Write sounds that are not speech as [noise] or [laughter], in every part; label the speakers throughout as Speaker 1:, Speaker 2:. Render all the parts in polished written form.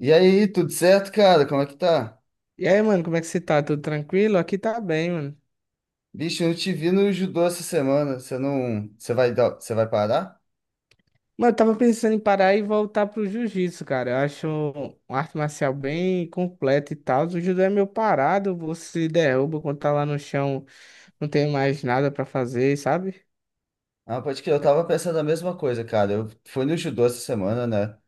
Speaker 1: E aí, tudo certo, cara? Como é que tá?
Speaker 2: E aí, mano, como é que você tá? Tudo tranquilo? Aqui tá bem, mano.
Speaker 1: Bicho, eu não te vi no judô essa semana. Você não, você vai parar?
Speaker 2: Mano, eu tava pensando em parar e voltar pro jiu-jitsu, cara. Eu acho uma arte marcial bem completa e tal. O judô é meio parado, você derruba quando tá lá no chão, não tem mais nada pra fazer, sabe?
Speaker 1: Ah, pode crer, eu tava pensando a mesma coisa, cara. Eu fui no judô essa semana, né?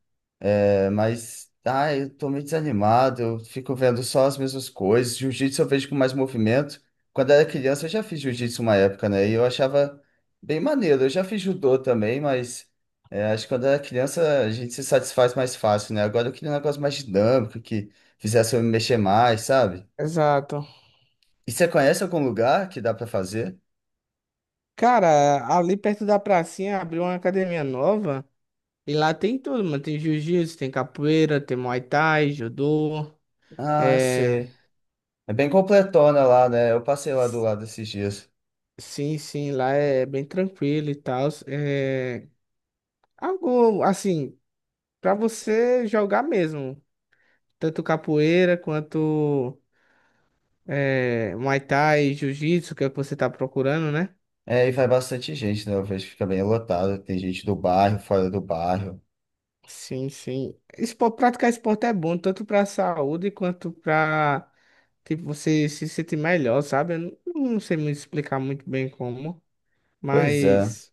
Speaker 1: É, mas, eu tô meio desanimado, eu fico vendo só as mesmas coisas. Jiu-jitsu eu vejo com mais movimento. Quando era criança, eu já fiz jiu-jitsu uma época, né? E eu achava bem maneiro. Eu já fiz judô também, mas é, acho que quando era criança a gente se satisfaz mais fácil, né? Agora eu queria um negócio mais dinâmico, que fizesse eu me mexer mais, sabe?
Speaker 2: Exato.
Speaker 1: E você conhece algum lugar que dá pra fazer?
Speaker 2: Cara, ali perto da pracinha abriu uma academia nova e lá tem tudo, mano. Tem jiu-jitsu, tem capoeira, tem muay thai, judô.
Speaker 1: Ah,
Speaker 2: É...
Speaker 1: sei. É bem completona lá, né? Eu passei lá do lado esses dias.
Speaker 2: Sim, sim, lá é bem tranquilo e tal. Algo assim, para você jogar mesmo, tanto capoeira quanto Muay Thai, Jiu-Jitsu, que é o que você tá procurando, né?
Speaker 1: É, e vai bastante gente, né? Eu vejo que fica bem lotado. Tem gente do bairro, fora do bairro.
Speaker 2: Sim, sim. Praticar esporte é bom, tanto para saúde quanto para tipo, você se sentir melhor, sabe? Eu não sei muito explicar muito bem como,
Speaker 1: Pois é.
Speaker 2: mas.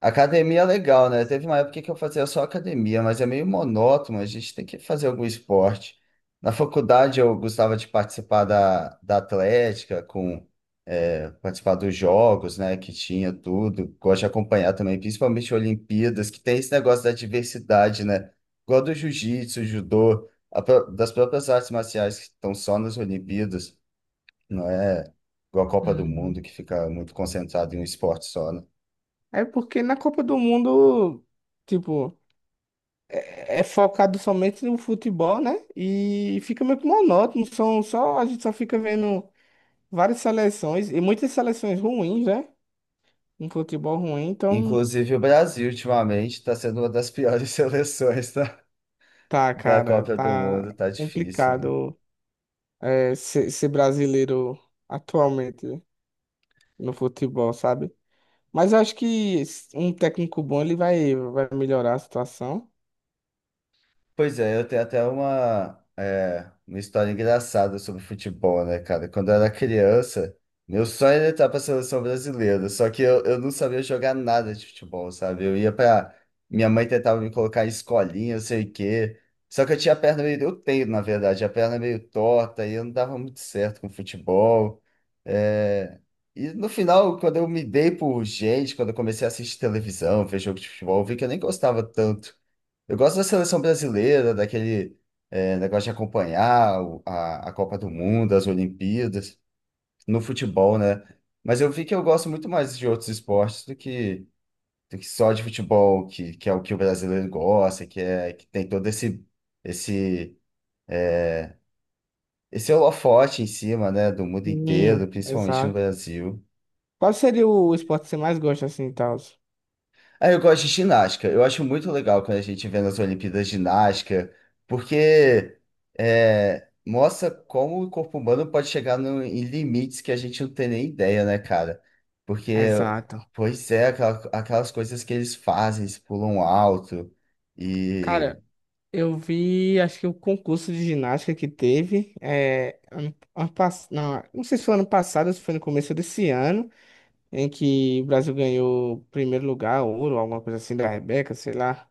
Speaker 1: Academia é legal, né? Teve uma época que eu fazia só academia, mas é meio monótono. A gente tem que fazer algum esporte. Na faculdade eu gostava de participar da atlética, com é, participar dos jogos, né? Que tinha tudo. Gosto de acompanhar também, principalmente Olimpíadas, que tem esse negócio da diversidade, né? Igual do jiu-jitsu, judô, das próprias artes marciais que estão só nas Olimpíadas. Não é igual a Copa do Mundo,
Speaker 2: Uhum.
Speaker 1: que fica muito concentrado em um esporte só, né?
Speaker 2: É porque na Copa do Mundo, tipo, é focado somente no futebol, né? E fica meio que monótono, são só, a gente só fica vendo várias seleções e muitas seleções ruins, né? Um futebol ruim, então
Speaker 1: Inclusive, o Brasil, ultimamente, está sendo uma das piores [laughs] seleções da,
Speaker 2: tá,
Speaker 1: da
Speaker 2: cara,
Speaker 1: Copa do
Speaker 2: tá
Speaker 1: Mundo. Tá difícil, né?
Speaker 2: complicado. Ser brasileiro atualmente no futebol, sabe? Mas eu acho que um técnico bom ele vai melhorar a situação.
Speaker 1: Pois é, eu tenho até uma, é, uma história engraçada sobre futebol, né, cara? Quando eu era criança, meu sonho era entrar pra seleção brasileira, só que eu não sabia jogar nada de futebol, sabe? Eu ia pra. Minha mãe tentava me colocar em escolinha, eu sei o quê. Só que eu tinha a perna meio. Eu tenho, na verdade, a perna meio torta e eu não dava muito certo com futebol. É, e no final, quando eu me dei por gente, quando eu comecei a assistir televisão, ver jogo de futebol, eu vi que eu nem gostava tanto. Eu gosto da seleção brasileira, daquele negócio de acompanhar a Copa do Mundo, as Olimpíadas, no futebol, né? Mas eu vi que eu gosto muito mais de outros esportes do que só de futebol, que é o que o brasileiro gosta, que é que tem todo esse esse holofote em cima, né, do mundo
Speaker 2: Sim,
Speaker 1: inteiro, principalmente no
Speaker 2: exato.
Speaker 1: Brasil.
Speaker 2: Qual seria o esporte que você mais gosta assim, e tal?
Speaker 1: Ah, eu gosto de ginástica. Eu acho muito legal quando a gente vê nas Olimpíadas ginástica, porque é, mostra como o corpo humano pode chegar em limites que a gente não tem nem ideia, né, cara? Porque,
Speaker 2: Exato.
Speaker 1: pois é, aquelas coisas que eles fazem, eles pulam alto. E.
Speaker 2: Cara, eu vi, acho que o concurso de ginástica que teve, não, não sei se foi ano passado, ou se foi no começo desse ano, em que o Brasil ganhou primeiro lugar, ouro, alguma coisa assim da Rebeca, sei lá.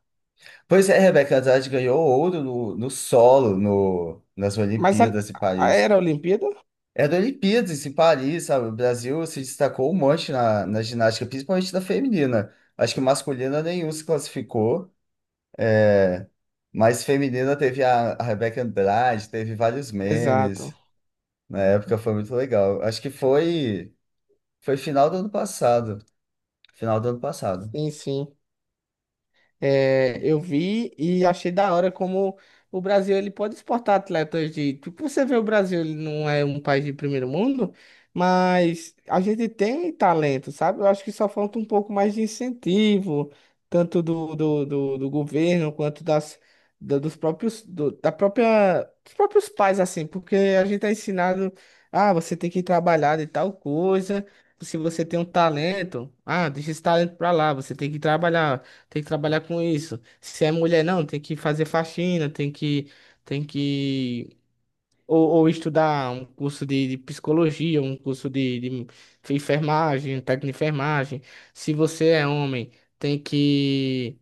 Speaker 1: Pois é, Rebeca Andrade ganhou ouro no solo no, nas
Speaker 2: Mas a-
Speaker 1: Olimpíadas de Paris.
Speaker 2: era a Olimpíada?
Speaker 1: Era Olimpíadas em Paris, sabe? O Brasil se destacou um monte na ginástica, principalmente na feminina. Acho que masculina nenhum se classificou, mas feminina teve a Rebeca Andrade, teve vários
Speaker 2: Exato.
Speaker 1: memes. Na época foi muito legal. Acho que foi final do ano passado. Final do ano passado.
Speaker 2: Sim, sim. É, eu vi e achei da hora como o Brasil ele pode exportar atletas de. Tipo, você vê o Brasil, ele não é um país de primeiro mundo, mas a gente tem talento, sabe? Eu acho que só falta um pouco mais de incentivo, tanto do governo quanto dos próprios, da própria, dos próprios pais, assim, porque a gente é ensinado, ah, você tem que trabalhar de tal coisa. Se você tem um talento, ah, deixa esse talento pra lá, você tem que trabalhar. Tem que trabalhar com isso. Se é mulher, não, tem que fazer faxina, tem que ou estudar um curso de psicologia, um curso de enfermagem, um técnico de enfermagem. Se você é homem, tem que,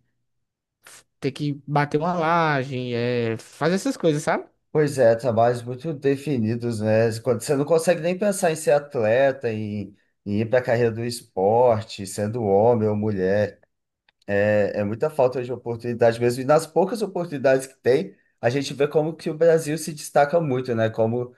Speaker 2: tem que bater uma laje, é, fazer essas coisas, sabe?
Speaker 1: Pois é, trabalhos muito definidos, né? Quando você não consegue nem pensar em ser atleta, em ir para a carreira do esporte, sendo homem ou mulher. É, é muita falta de oportunidade mesmo. E nas poucas oportunidades que tem, a gente vê como que o Brasil se destaca muito, né? Como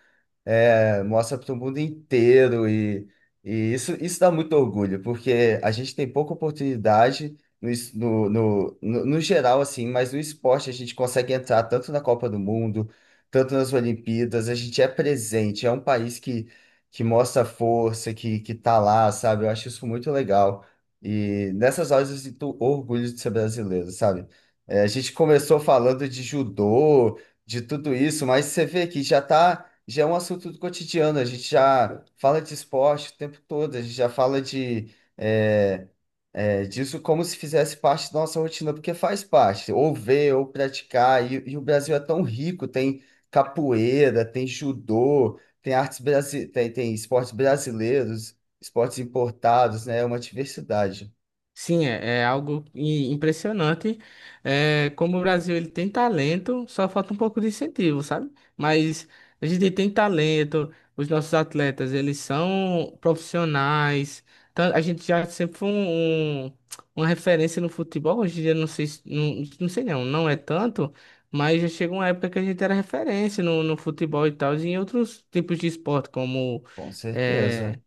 Speaker 1: é, mostra para o mundo inteiro e, isso dá muito orgulho, porque a gente tem pouca oportunidade no, no geral, assim, mas no esporte a gente consegue entrar tanto na Copa do Mundo, tanto nas Olimpíadas, a gente é presente, é um país que mostra força, que tá lá, sabe? Eu acho isso muito legal. E nessas horas eu sinto orgulho de ser brasileiro, sabe? É, a gente começou falando de judô, de tudo isso, mas você vê que já é um assunto do cotidiano, a gente já fala de esporte o tempo todo, a gente já fala de, é, disso como se fizesse parte da nossa rotina, porque faz parte, ou ver, ou praticar, e o Brasil é tão rico, tem capoeira, tem judô, tem, tem esportes brasileiros, esportes importados, né? É uma diversidade,
Speaker 2: Sim, é, é algo impressionante. É, como o Brasil ele tem talento, só falta um pouco de incentivo, sabe? Mas a gente tem talento, os nossos atletas eles são profissionais. Então, a gente já sempre foi uma referência no futebol. Hoje em dia não sei, não, não sei não, não é tanto, mas já chegou uma época que a gente era referência no futebol e tal, e em outros tipos de esporte, como
Speaker 1: com
Speaker 2: é,
Speaker 1: certeza.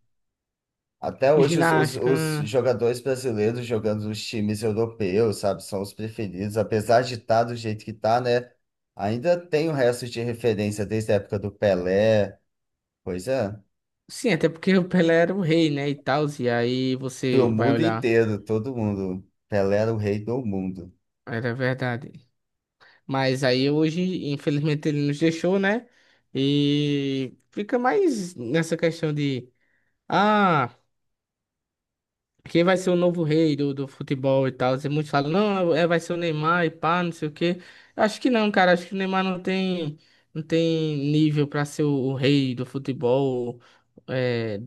Speaker 1: Até hoje, os, os,
Speaker 2: ginástica.
Speaker 1: os jogadores brasileiros jogando nos times europeus, sabe, são os preferidos. Apesar de estar do jeito que tá, né? Ainda tem o resto de referência desde a época do Pelé. Pois é,
Speaker 2: Sim, até porque o Pelé era o rei, né, e tal, e aí
Speaker 1: pro
Speaker 2: você vai
Speaker 1: mundo
Speaker 2: olhar,
Speaker 1: inteiro, todo mundo. Pelé era o rei do mundo.
Speaker 2: era verdade. Mas aí hoje, infelizmente, ele nos deixou, né, e fica mais nessa questão de, ah, quem vai ser o novo rei do futebol e tal? E muitos falam, não, vai ser o Neymar e pá, não sei o quê. Acho que não, cara. Acho que o Neymar não tem nível pra ser o rei do futebol, é,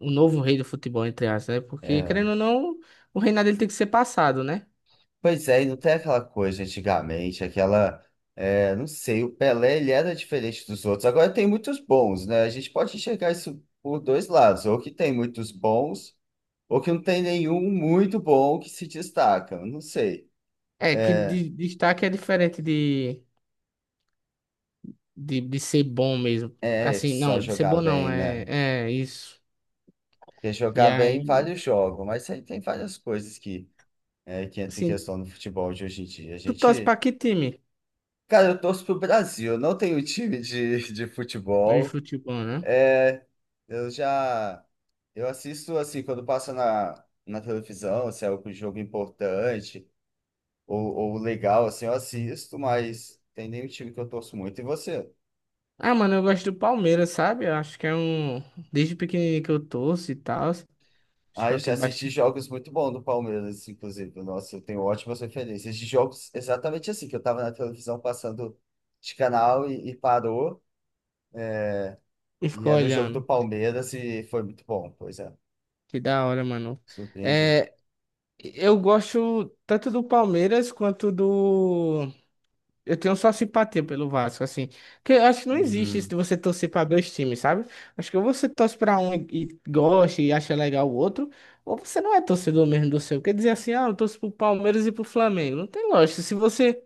Speaker 2: o novo rei do futebol, entre aspas, né? Porque,
Speaker 1: É.
Speaker 2: querendo ou não, o reinado dele tem que ser passado, né?
Speaker 1: Pois é, e não tem aquela coisa antigamente, aquela. É, não sei, o Pelé ele era diferente dos outros. Agora tem muitos bons, né? A gente pode enxergar isso por dois lados, ou que tem muitos bons. Ou que não tem nenhum muito bom que se destaca, eu não sei.
Speaker 2: É, que destaque é diferente de ser bom mesmo.
Speaker 1: É que
Speaker 2: Assim,
Speaker 1: só
Speaker 2: não, de ser
Speaker 1: jogar
Speaker 2: bom não,
Speaker 1: bem, né?
Speaker 2: é, é isso.
Speaker 1: Porque
Speaker 2: E
Speaker 1: jogar bem
Speaker 2: aí,
Speaker 1: vários jogos, mas aí tem várias coisas que, é, que entram em
Speaker 2: assim,
Speaker 1: questão no futebol de hoje em dia. A
Speaker 2: tu torce pra
Speaker 1: gente.
Speaker 2: que time?
Speaker 1: Cara, eu torço pro Brasil, eu não tenho time de, [laughs] de
Speaker 2: É de
Speaker 1: futebol.
Speaker 2: futebol, né?
Speaker 1: É, eu já. Eu assisto assim, quando passa na televisão, se é algum jogo importante ou legal, assim, eu assisto, mas tem nenhum time que eu torço muito. E você?
Speaker 2: Ah, mano, eu gosto do Palmeiras, sabe? Eu acho que é um. Desde pequenininho que eu torço e tal. Acho
Speaker 1: Ah,
Speaker 2: que
Speaker 1: eu
Speaker 2: eu
Speaker 1: já
Speaker 2: tenho
Speaker 1: assisti
Speaker 2: bastante.
Speaker 1: jogos muito bons do Palmeiras, inclusive. Nossa, eu tenho ótimas referências de jogos exatamente assim, que eu tava na televisão passando de canal e parou,
Speaker 2: E
Speaker 1: e
Speaker 2: ficou
Speaker 1: era o jogo do
Speaker 2: olhando.
Speaker 1: Palmeiras e foi muito bom, pois é.
Speaker 2: Que da hora, mano.
Speaker 1: Surpreende.
Speaker 2: É, eu gosto tanto do Palmeiras quanto do. Eu tenho só simpatia pelo Vasco, assim. Porque eu acho que não existe isso
Speaker 1: Uhum.
Speaker 2: de você torcer pra dois times, sabe? Acho que ou você torce pra um e gosta e acha legal o outro, ou você não é torcedor mesmo do seu. Quer dizer assim, ah, eu torço pro Palmeiras e pro Flamengo. Não tem lógica. Se você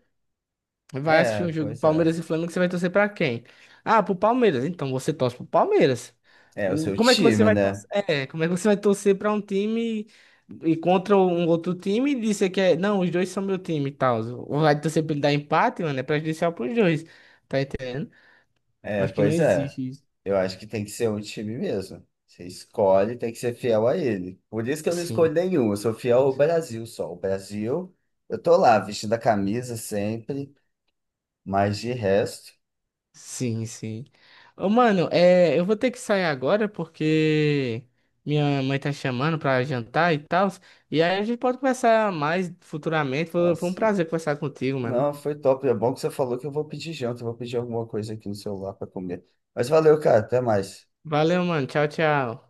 Speaker 2: vai assistir
Speaker 1: É,
Speaker 2: um jogo
Speaker 1: pois é.
Speaker 2: Palmeiras e Flamengo, você vai torcer pra quem? Ah, pro Palmeiras. Então você torce pro Palmeiras.
Speaker 1: É o seu
Speaker 2: Como é que você
Speaker 1: time,
Speaker 2: vai
Speaker 1: né?
Speaker 2: torcer? É, como é que você vai torcer pra um time e contra um outro time e dizer que é, não, os dois são meu time e tal. Ou vai torcer pra ele dar empate, mano, é prejudicial pros dois. Tá entendendo?
Speaker 1: É,
Speaker 2: Acho que não
Speaker 1: pois é.
Speaker 2: existe isso.
Speaker 1: Eu acho que tem que ser um time mesmo. Você escolhe, tem que ser fiel a ele. Por isso que eu não
Speaker 2: Assim.
Speaker 1: escolho nenhum, eu sou fiel ao Brasil só. O Brasil, eu tô lá vestindo a camisa sempre. Mas de resto,
Speaker 2: Sim, sim. Ô, mano, é, eu vou ter que sair agora porque minha mãe tá chamando pra jantar e tal. E aí a gente pode conversar mais futuramente. Foi um
Speaker 1: nossa,
Speaker 2: prazer conversar contigo, mano.
Speaker 1: não, foi top. É bom que você falou que eu vou pedir janta, eu vou pedir alguma coisa aqui no celular para comer. Mas valeu, cara, até mais.
Speaker 2: Valeu, mano. Tchau, tchau.